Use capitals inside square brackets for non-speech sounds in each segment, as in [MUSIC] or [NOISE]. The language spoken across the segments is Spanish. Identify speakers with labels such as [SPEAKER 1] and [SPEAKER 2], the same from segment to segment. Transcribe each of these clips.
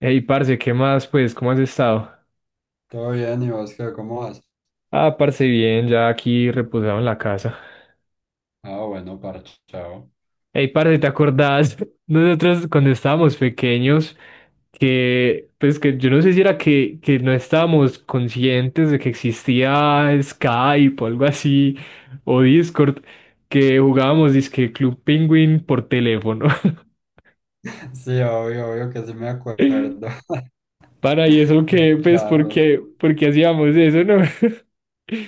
[SPEAKER 1] Hey, parce, ¿qué más? Pues, ¿cómo has estado?
[SPEAKER 2] Todo bien, ¿y vos qué? ¿Cómo vas?
[SPEAKER 1] Ah, parce, bien, ya aquí reposado en la casa.
[SPEAKER 2] Ah, bueno, parchao.
[SPEAKER 1] Hey, parce, ¿te acordás? [LAUGHS] Nosotros cuando estábamos pequeños, que, pues, que yo no sé si era que, no estábamos conscientes de que existía Skype o algo así, o Discord, que jugábamos disque Club Penguin por teléfono.
[SPEAKER 2] [LAUGHS] Sí, obvio, que sí me
[SPEAKER 1] [LAUGHS]
[SPEAKER 2] acuerdo.
[SPEAKER 1] Para, y eso que,
[SPEAKER 2] [LAUGHS]
[SPEAKER 1] pues, ¿por
[SPEAKER 2] Charros.
[SPEAKER 1] qué, por qué hacíamos eso, no? [LAUGHS]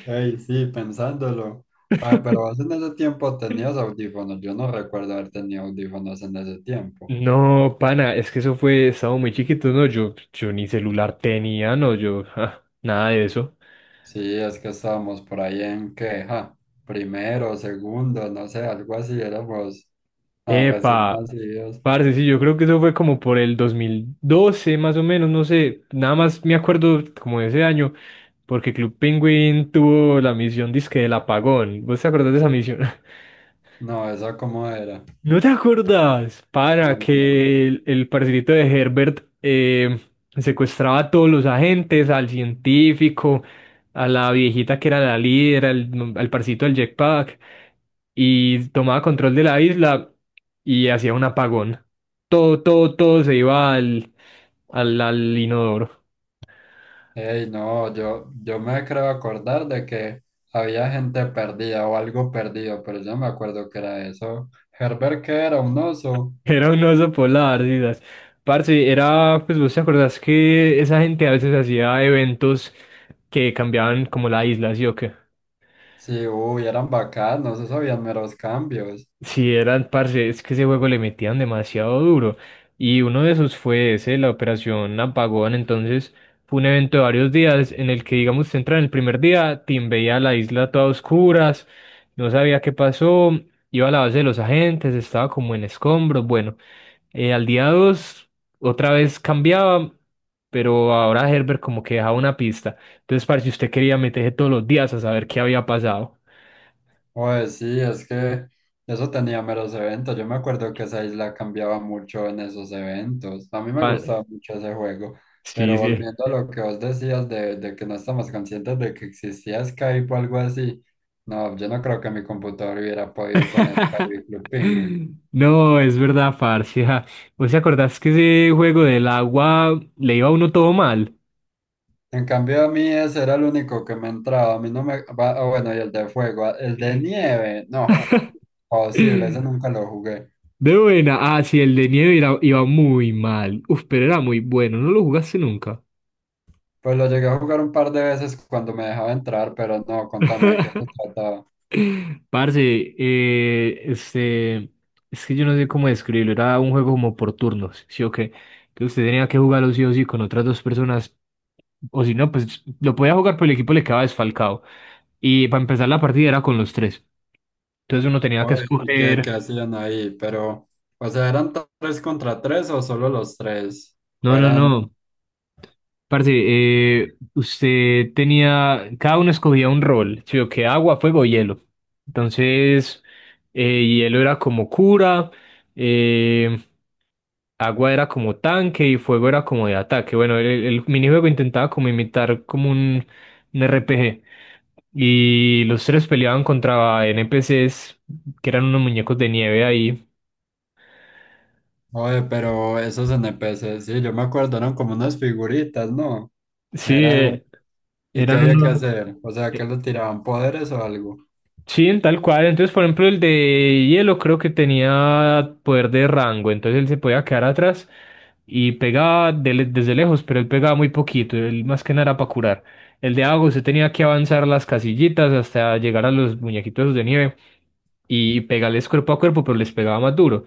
[SPEAKER 2] Ey, sí, pensándolo. Ah, pero vos en ese tiempo tenías audífonos. Yo no recuerdo haber tenido audífonos en ese tiempo.
[SPEAKER 1] No, pana, es que eso fue, estaba muy chiquito, no, yo ni celular tenía, no, yo, [LAUGHS] ja, nada de eso.
[SPEAKER 2] Sí, es que estábamos por ahí en que, ja, primero, segundo, no sé, algo así. Éramos ah, recién
[SPEAKER 1] Epa,
[SPEAKER 2] nacidos.
[SPEAKER 1] parce, sí, yo creo que eso fue como por el 2012, más o menos, no sé, nada más me acuerdo como de ese año, porque Club Penguin tuvo la misión disque del apagón, ¿vos te acordás de esa misión?
[SPEAKER 2] No, eso cómo era.
[SPEAKER 1] ¿No te acuerdas,
[SPEAKER 2] No,
[SPEAKER 1] para
[SPEAKER 2] no. no.
[SPEAKER 1] que el parcerito de Herbert, secuestraba a todos los agentes, al científico, a la viejita que era la líder, al parcito del jetpack, y tomaba control de la isla y hacía un apagón? Todo, todo, todo se iba al inodoro.
[SPEAKER 2] Ey, no, yo me creo acordar de que había gente perdida o algo perdido, pero yo no me acuerdo que era eso. Herbert que era un
[SPEAKER 1] [LAUGHS]
[SPEAKER 2] oso.
[SPEAKER 1] Era un oso polar, Didas. Parce, era, pues vos te acordás que esa gente a veces hacía eventos que cambiaban como la isla, ¿sí o qué?
[SPEAKER 2] Sí, uy, eran bacanos, esos habían meros cambios.
[SPEAKER 1] Sí, eran, parce, es que ese juego le metían demasiado duro. Y uno de esos fue ese, la operación Apagón. Entonces, fue un evento de varios días en el que, digamos, usted entra en el primer día, Tim veía la isla toda a oscuras, no sabía qué pasó, iba a la base de los agentes, estaba como en escombros. Bueno, al día 2, otra vez cambiaba, pero ahora Herbert como que dejaba una pista. Entonces, parce, usted quería meterse todos los días a saber qué había pasado.
[SPEAKER 2] Pues sí, es que eso tenía meros eventos. Yo me acuerdo que esa isla cambiaba mucho en esos eventos. A mí me
[SPEAKER 1] Pa-
[SPEAKER 2] gustaba mucho ese juego,
[SPEAKER 1] sí,
[SPEAKER 2] pero
[SPEAKER 1] sí.
[SPEAKER 2] volviendo a lo que vos decías de que no estamos conscientes de que existía Skype o algo así, no, yo no creo que mi computador hubiera podido con Skype y Club Penguin.
[SPEAKER 1] [LAUGHS] No, es verdad, parce. [LAUGHS] Ja. ¿Vos te acordás que ese juego del agua le iba a uno todo mal?
[SPEAKER 2] En cambio, a mí ese era el único que me entraba. A mí no me... ah, bueno, y el de fuego, el de nieve, no, posible, ese nunca
[SPEAKER 1] [LAUGHS]
[SPEAKER 2] lo jugué.
[SPEAKER 1] De buena. Ah, sí, el de nieve era- iba muy mal. Uf, pero era muy bueno. ¿No lo jugaste nunca?
[SPEAKER 2] Pues lo llegué a jugar un par de veces cuando me dejaba entrar, pero no, contame qué se
[SPEAKER 1] [LAUGHS]
[SPEAKER 2] trataba.
[SPEAKER 1] Parce, eh, este, es que yo no sé cómo describirlo. Era un juego como por turnos, ¿sí o qué? Que usted tenía que jugarlo sí o sí con otras dos personas. O si no, pues lo podía jugar, pero el equipo le quedaba desfalcado. Y para empezar la partida era con los tres. Entonces uno tenía que
[SPEAKER 2] Oye, y qué
[SPEAKER 1] escoger.
[SPEAKER 2] hacían ahí, pero, o sea, ¿eran tres contra tres o solo los tres? O
[SPEAKER 1] No, no,
[SPEAKER 2] eran,
[SPEAKER 1] no. Parce, usted tenía. Cada uno escogía un rol. ¿Sí? O que agua, fuego, hielo. Entonces, hielo era como cura, eh, agua era como tanque y fuego era como de ataque. Bueno, el minijuego intentaba como imitar como un RPG. Y los tres peleaban contra NPCs, que eran unos muñecos de nieve ahí.
[SPEAKER 2] oye, pero esos N P NPCs, sí, yo me acuerdo, eran como unas figuritas, ¿no?
[SPEAKER 1] Sí,
[SPEAKER 2] Eran, ¿y qué
[SPEAKER 1] eran
[SPEAKER 2] había que
[SPEAKER 1] unos.
[SPEAKER 2] hacer? O sea, ¿qué
[SPEAKER 1] eh,
[SPEAKER 2] le tiraban poderes o algo?
[SPEAKER 1] Sí, tal cual. Entonces, por ejemplo, el de hielo creo que tenía poder de rango, entonces él se podía quedar atrás y pegaba desde lejos, pero él pegaba muy poquito, él más que nada era para curar. El de agua se tenía que avanzar las casillitas hasta llegar a los muñequitos esos de nieve y pegarles cuerpo a cuerpo, pero les pegaba más duro.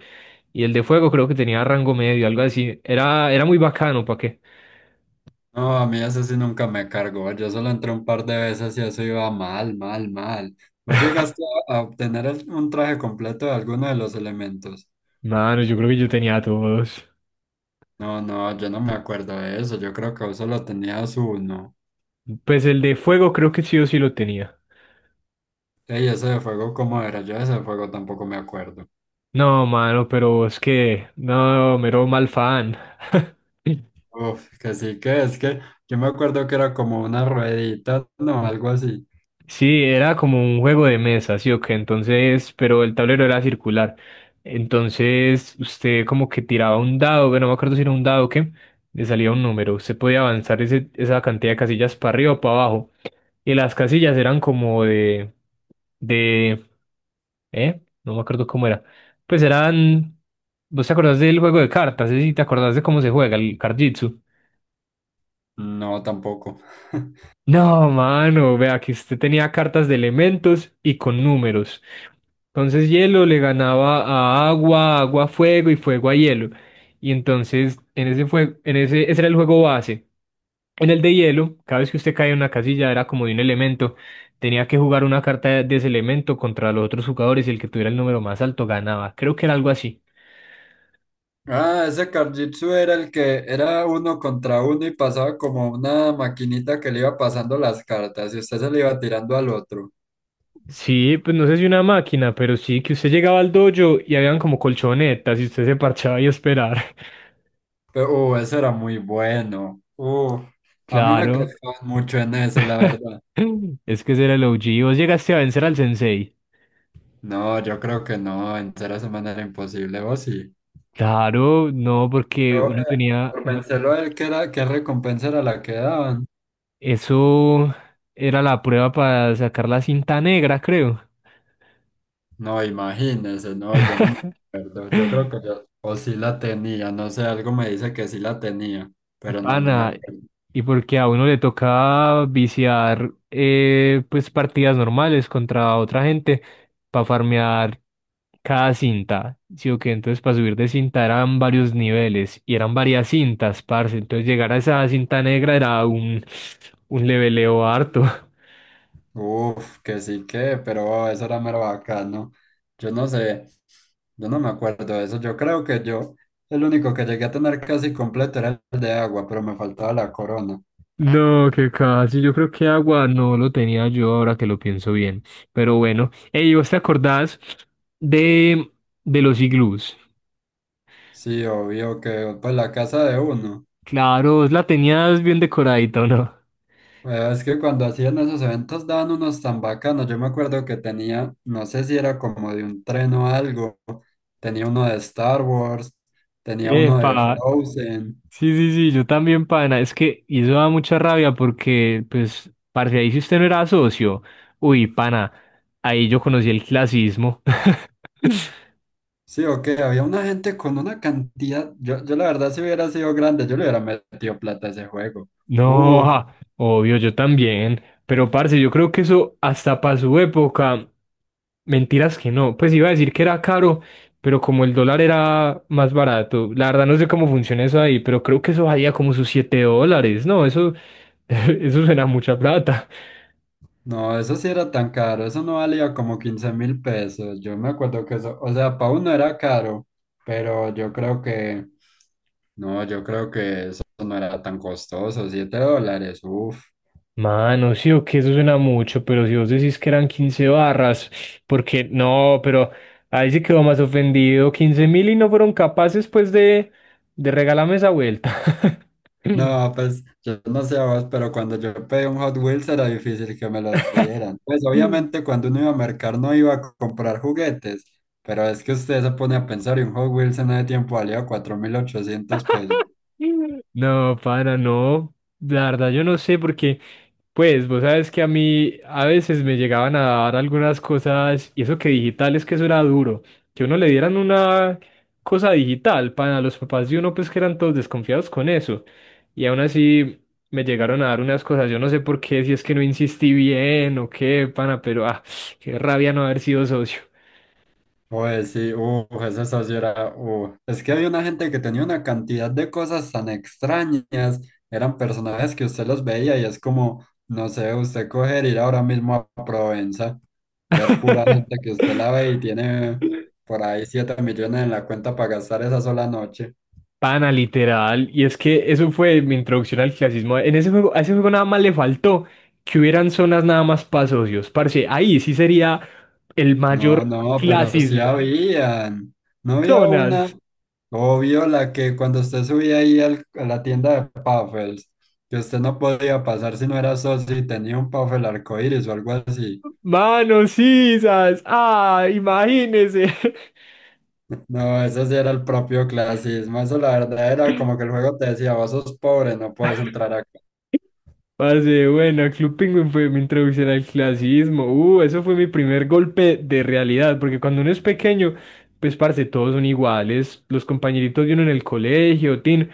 [SPEAKER 1] Y el de fuego creo que tenía rango medio, algo así. Era muy bacano, ¿para qué?
[SPEAKER 2] No, a mí eso sí nunca me cargó, yo solo entré un par de veces y eso iba mal, mal, mal. ¿Vos llegaste a obtener un traje completo de alguno de los elementos?
[SPEAKER 1] Mano, yo creo que yo tenía todos.
[SPEAKER 2] No, no, yo no me acuerdo de eso. Yo creo que vos solo tenías uno.
[SPEAKER 1] Pues el de fuego creo que sí o sí lo tenía.
[SPEAKER 2] Ey, ese de fuego, ¿cómo era? Yo ese de fuego tampoco me acuerdo.
[SPEAKER 1] No, mano, pero es que, no, mero mal fan.
[SPEAKER 2] Uf, que sí que es que yo me acuerdo que era como una ruedita, no, algo así.
[SPEAKER 1] Sí, era como un juego de mesa, sí o qué, entonces, pero el tablero era circular. Entonces, usted como que tiraba un dado, bueno, no me acuerdo si era un dado o qué, le salía un número. Usted podía avanzar esa cantidad de casillas para arriba o para abajo. Y las casillas eran como de, ¿eh? No me acuerdo cómo era. Pues eran, ¿vos te acordás del juego de cartas? Sí, sí, ¿te acordás de cómo se juega el Card Jitsu?
[SPEAKER 2] No, tampoco. [LAUGHS]
[SPEAKER 1] No, mano, vea que usted tenía cartas de elementos y con números. Entonces hielo le ganaba a agua, agua a fuego y fuego a hielo. Y entonces en ese fue, en ese, ese era el juego base. En el de hielo, cada vez que usted caía en una casilla era como de un elemento. Tenía que jugar una carta de ese elemento contra los otros jugadores y el que tuviera el número más alto ganaba. Creo que era algo así.
[SPEAKER 2] Ah, ese Karjitsu era el que era uno contra uno y pasaba como una maquinita que le iba pasando las cartas y usted se le iba tirando al otro.
[SPEAKER 1] Sí, pues no sé si una máquina, pero sí que usted llegaba al dojo y habían como colchonetas y usted se parchaba y a esperar. [LAUGHS]
[SPEAKER 2] Pero, ese era muy bueno. A mí me
[SPEAKER 1] Claro.
[SPEAKER 2] cascaban mucho en ese, la
[SPEAKER 1] [LAUGHS]
[SPEAKER 2] verdad.
[SPEAKER 1] Es que ese era el O G. ¿Vos llegaste a vencer al sensei?
[SPEAKER 2] No, yo creo que no, en cera semana era imposible, vos sí.
[SPEAKER 1] Claro, no, porque
[SPEAKER 2] Pero
[SPEAKER 1] uno tenía...
[SPEAKER 2] por
[SPEAKER 1] Uno...
[SPEAKER 2] pensarlo, él qué era, qué recompensa era la que daban.
[SPEAKER 1] Eso era la prueba para sacar la cinta negra, creo.
[SPEAKER 2] No, imagínese, no, yo no me acuerdo. Yo creo
[SPEAKER 1] [LAUGHS]
[SPEAKER 2] que yo, o sí la tenía, no sé, algo me dice que sí la tenía, pero no, no me
[SPEAKER 1] Pana,
[SPEAKER 2] acuerdo.
[SPEAKER 1] y porque a uno le toca viciar, pues partidas normales contra otra gente para farmear cada cinta, ¿sí o qué? Entonces para subir de cinta eran varios niveles y eran varias cintas, parce. Entonces llegar a esa cinta negra era un leveleo harto. [LAUGHS]
[SPEAKER 2] Uf, que sí que, pero oh, eso era mero bacano. Yo no sé, yo no me acuerdo de eso. Yo creo que yo, el único que llegué a tener casi completo era el de agua, pero me faltaba la corona.
[SPEAKER 1] No, que casi, yo creo que agua no lo tenía yo ahora que lo pienso bien. Pero bueno, ey, ¿vos te acordás de, de los iglús?
[SPEAKER 2] Sí, obvio que, pues la casa de uno.
[SPEAKER 1] Claro, vos la tenías bien decoradita, ¿o no?
[SPEAKER 2] Bueno, es que cuando hacían esos eventos daban unos tan bacanos. Yo me acuerdo que tenía, no sé si era como de un tren o algo, tenía uno de Star Wars, tenía uno de
[SPEAKER 1] Epa,
[SPEAKER 2] Frozen.
[SPEAKER 1] sí, sí, sí, yo también, pana. Es que y eso da mucha rabia porque, pues, parce, ahí si usted no era socio, uy, pana, ahí yo conocí el clasismo. [LAUGHS]
[SPEAKER 2] Sí, o qué, había una gente con una cantidad. Yo la verdad, si hubiera sido grande, yo le hubiera metido plata a ese juego.
[SPEAKER 1] No,
[SPEAKER 2] Uf,
[SPEAKER 1] ah, obvio, yo también. Pero, parce, yo creo que eso hasta para su época, mentiras que no. Pues iba a decir que era caro, pero como el dólar era más barato, la verdad no sé cómo funciona eso ahí, pero creo que eso valía como sus 7 dólares. No, eso, [LAUGHS] eso suena a mucha plata.
[SPEAKER 2] no, eso sí era tan caro, eso no valía como 15.000 pesos. Yo me acuerdo que eso, o sea, para uno era caro, pero yo creo que. No, yo creo que eso no era tan costoso, 7 dólares, uff.
[SPEAKER 1] Mano, sí o que eso suena mucho, pero si vos decís que eran 15 barras, porque no, pero ahí sí quedó más ofendido, 15.000 y no fueron capaces pues de regalarme esa vuelta. [LAUGHS]
[SPEAKER 2] No, pues yo no sé vos, pero cuando yo pedí un Hot Wheels era difícil que me lo dieran. Pues obviamente cuando uno iba a mercar no iba a comprar juguetes, pero es que usted se pone a pensar y un Hot Wheels en ese tiempo valía 4.800 pesos.
[SPEAKER 1] No, para, no, la verdad yo no sé porque pues vos sabes que a mí a veces me llegaban a dar algunas cosas, y eso que digital es que eso era duro, que uno le dieran una cosa digital para los papás de uno, pues que eran todos desconfiados con eso. Y aún así me llegaron a dar unas cosas, yo no sé por qué, si es que no insistí bien o qué, pana, pero ah, qué rabia no haber sido socio.
[SPEAKER 2] Oye, sí, eso sí era. Es que había una gente que tenía una cantidad de cosas tan extrañas, eran personajes que usted los veía y es como, no sé, usted coger, ir ahora mismo a Provenza, ver pura gente que
[SPEAKER 1] [LAUGHS]
[SPEAKER 2] usted la ve y tiene por ahí 7 millones en la cuenta para gastar esa sola noche.
[SPEAKER 1] Pana, literal. Y es que eso fue mi introducción al clasismo. En ese juego, a ese juego nada más le faltó que hubieran zonas nada más para socios. Parce, ahí sí sería el
[SPEAKER 2] No,
[SPEAKER 1] mayor
[SPEAKER 2] no, pero sí
[SPEAKER 1] clasismo.
[SPEAKER 2] habían, no había una,
[SPEAKER 1] Zonas.
[SPEAKER 2] obvio, la que cuando usted subía ahí a la tienda de Puffles, que usted no podía pasar si no era socio y tenía un Puffle arcoíris o algo así.
[SPEAKER 1] Manos sisas. Ah, imagínese.
[SPEAKER 2] No, eso sí era el propio clasismo. Eso la verdad era como
[SPEAKER 1] [LAUGHS]
[SPEAKER 2] que el juego te decía, vos sos pobre, no puedes entrar acá.
[SPEAKER 1] Parce, bueno, Club Penguin fue mi introducción al clasismo. Eso fue mi primer golpe de realidad, porque cuando uno es pequeño, pues parce, todos son iguales. Los compañeritos de uno en el colegio, tin,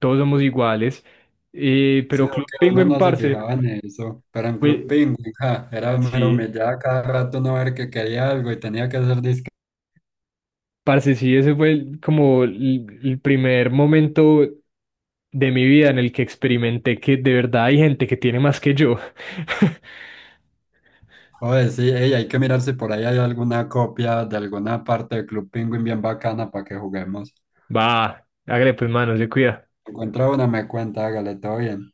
[SPEAKER 1] todos somos iguales.
[SPEAKER 2] Sí,
[SPEAKER 1] Pero
[SPEAKER 2] o
[SPEAKER 1] Club
[SPEAKER 2] que uno
[SPEAKER 1] Penguin,
[SPEAKER 2] no se
[SPEAKER 1] parce,
[SPEAKER 2] fijaba en eso. Pero en Club
[SPEAKER 1] fue,
[SPEAKER 2] Penguin, ja, era mero
[SPEAKER 1] sí,
[SPEAKER 2] humillada cada rato uno ver que quería algo y tenía que hacer disque.
[SPEAKER 1] parce, sí, ese fue como el primer momento de mi vida en el que experimenté que de verdad hay gente que tiene más que yo. [LAUGHS]
[SPEAKER 2] Oye, sí, ey, hay que mirar si por ahí hay alguna copia de alguna parte de Club Penguin bien bacana para que juguemos.
[SPEAKER 1] Va, hágale pues, mano, se cuida.
[SPEAKER 2] Encuentra una, me cuenta, hágale, todo bien.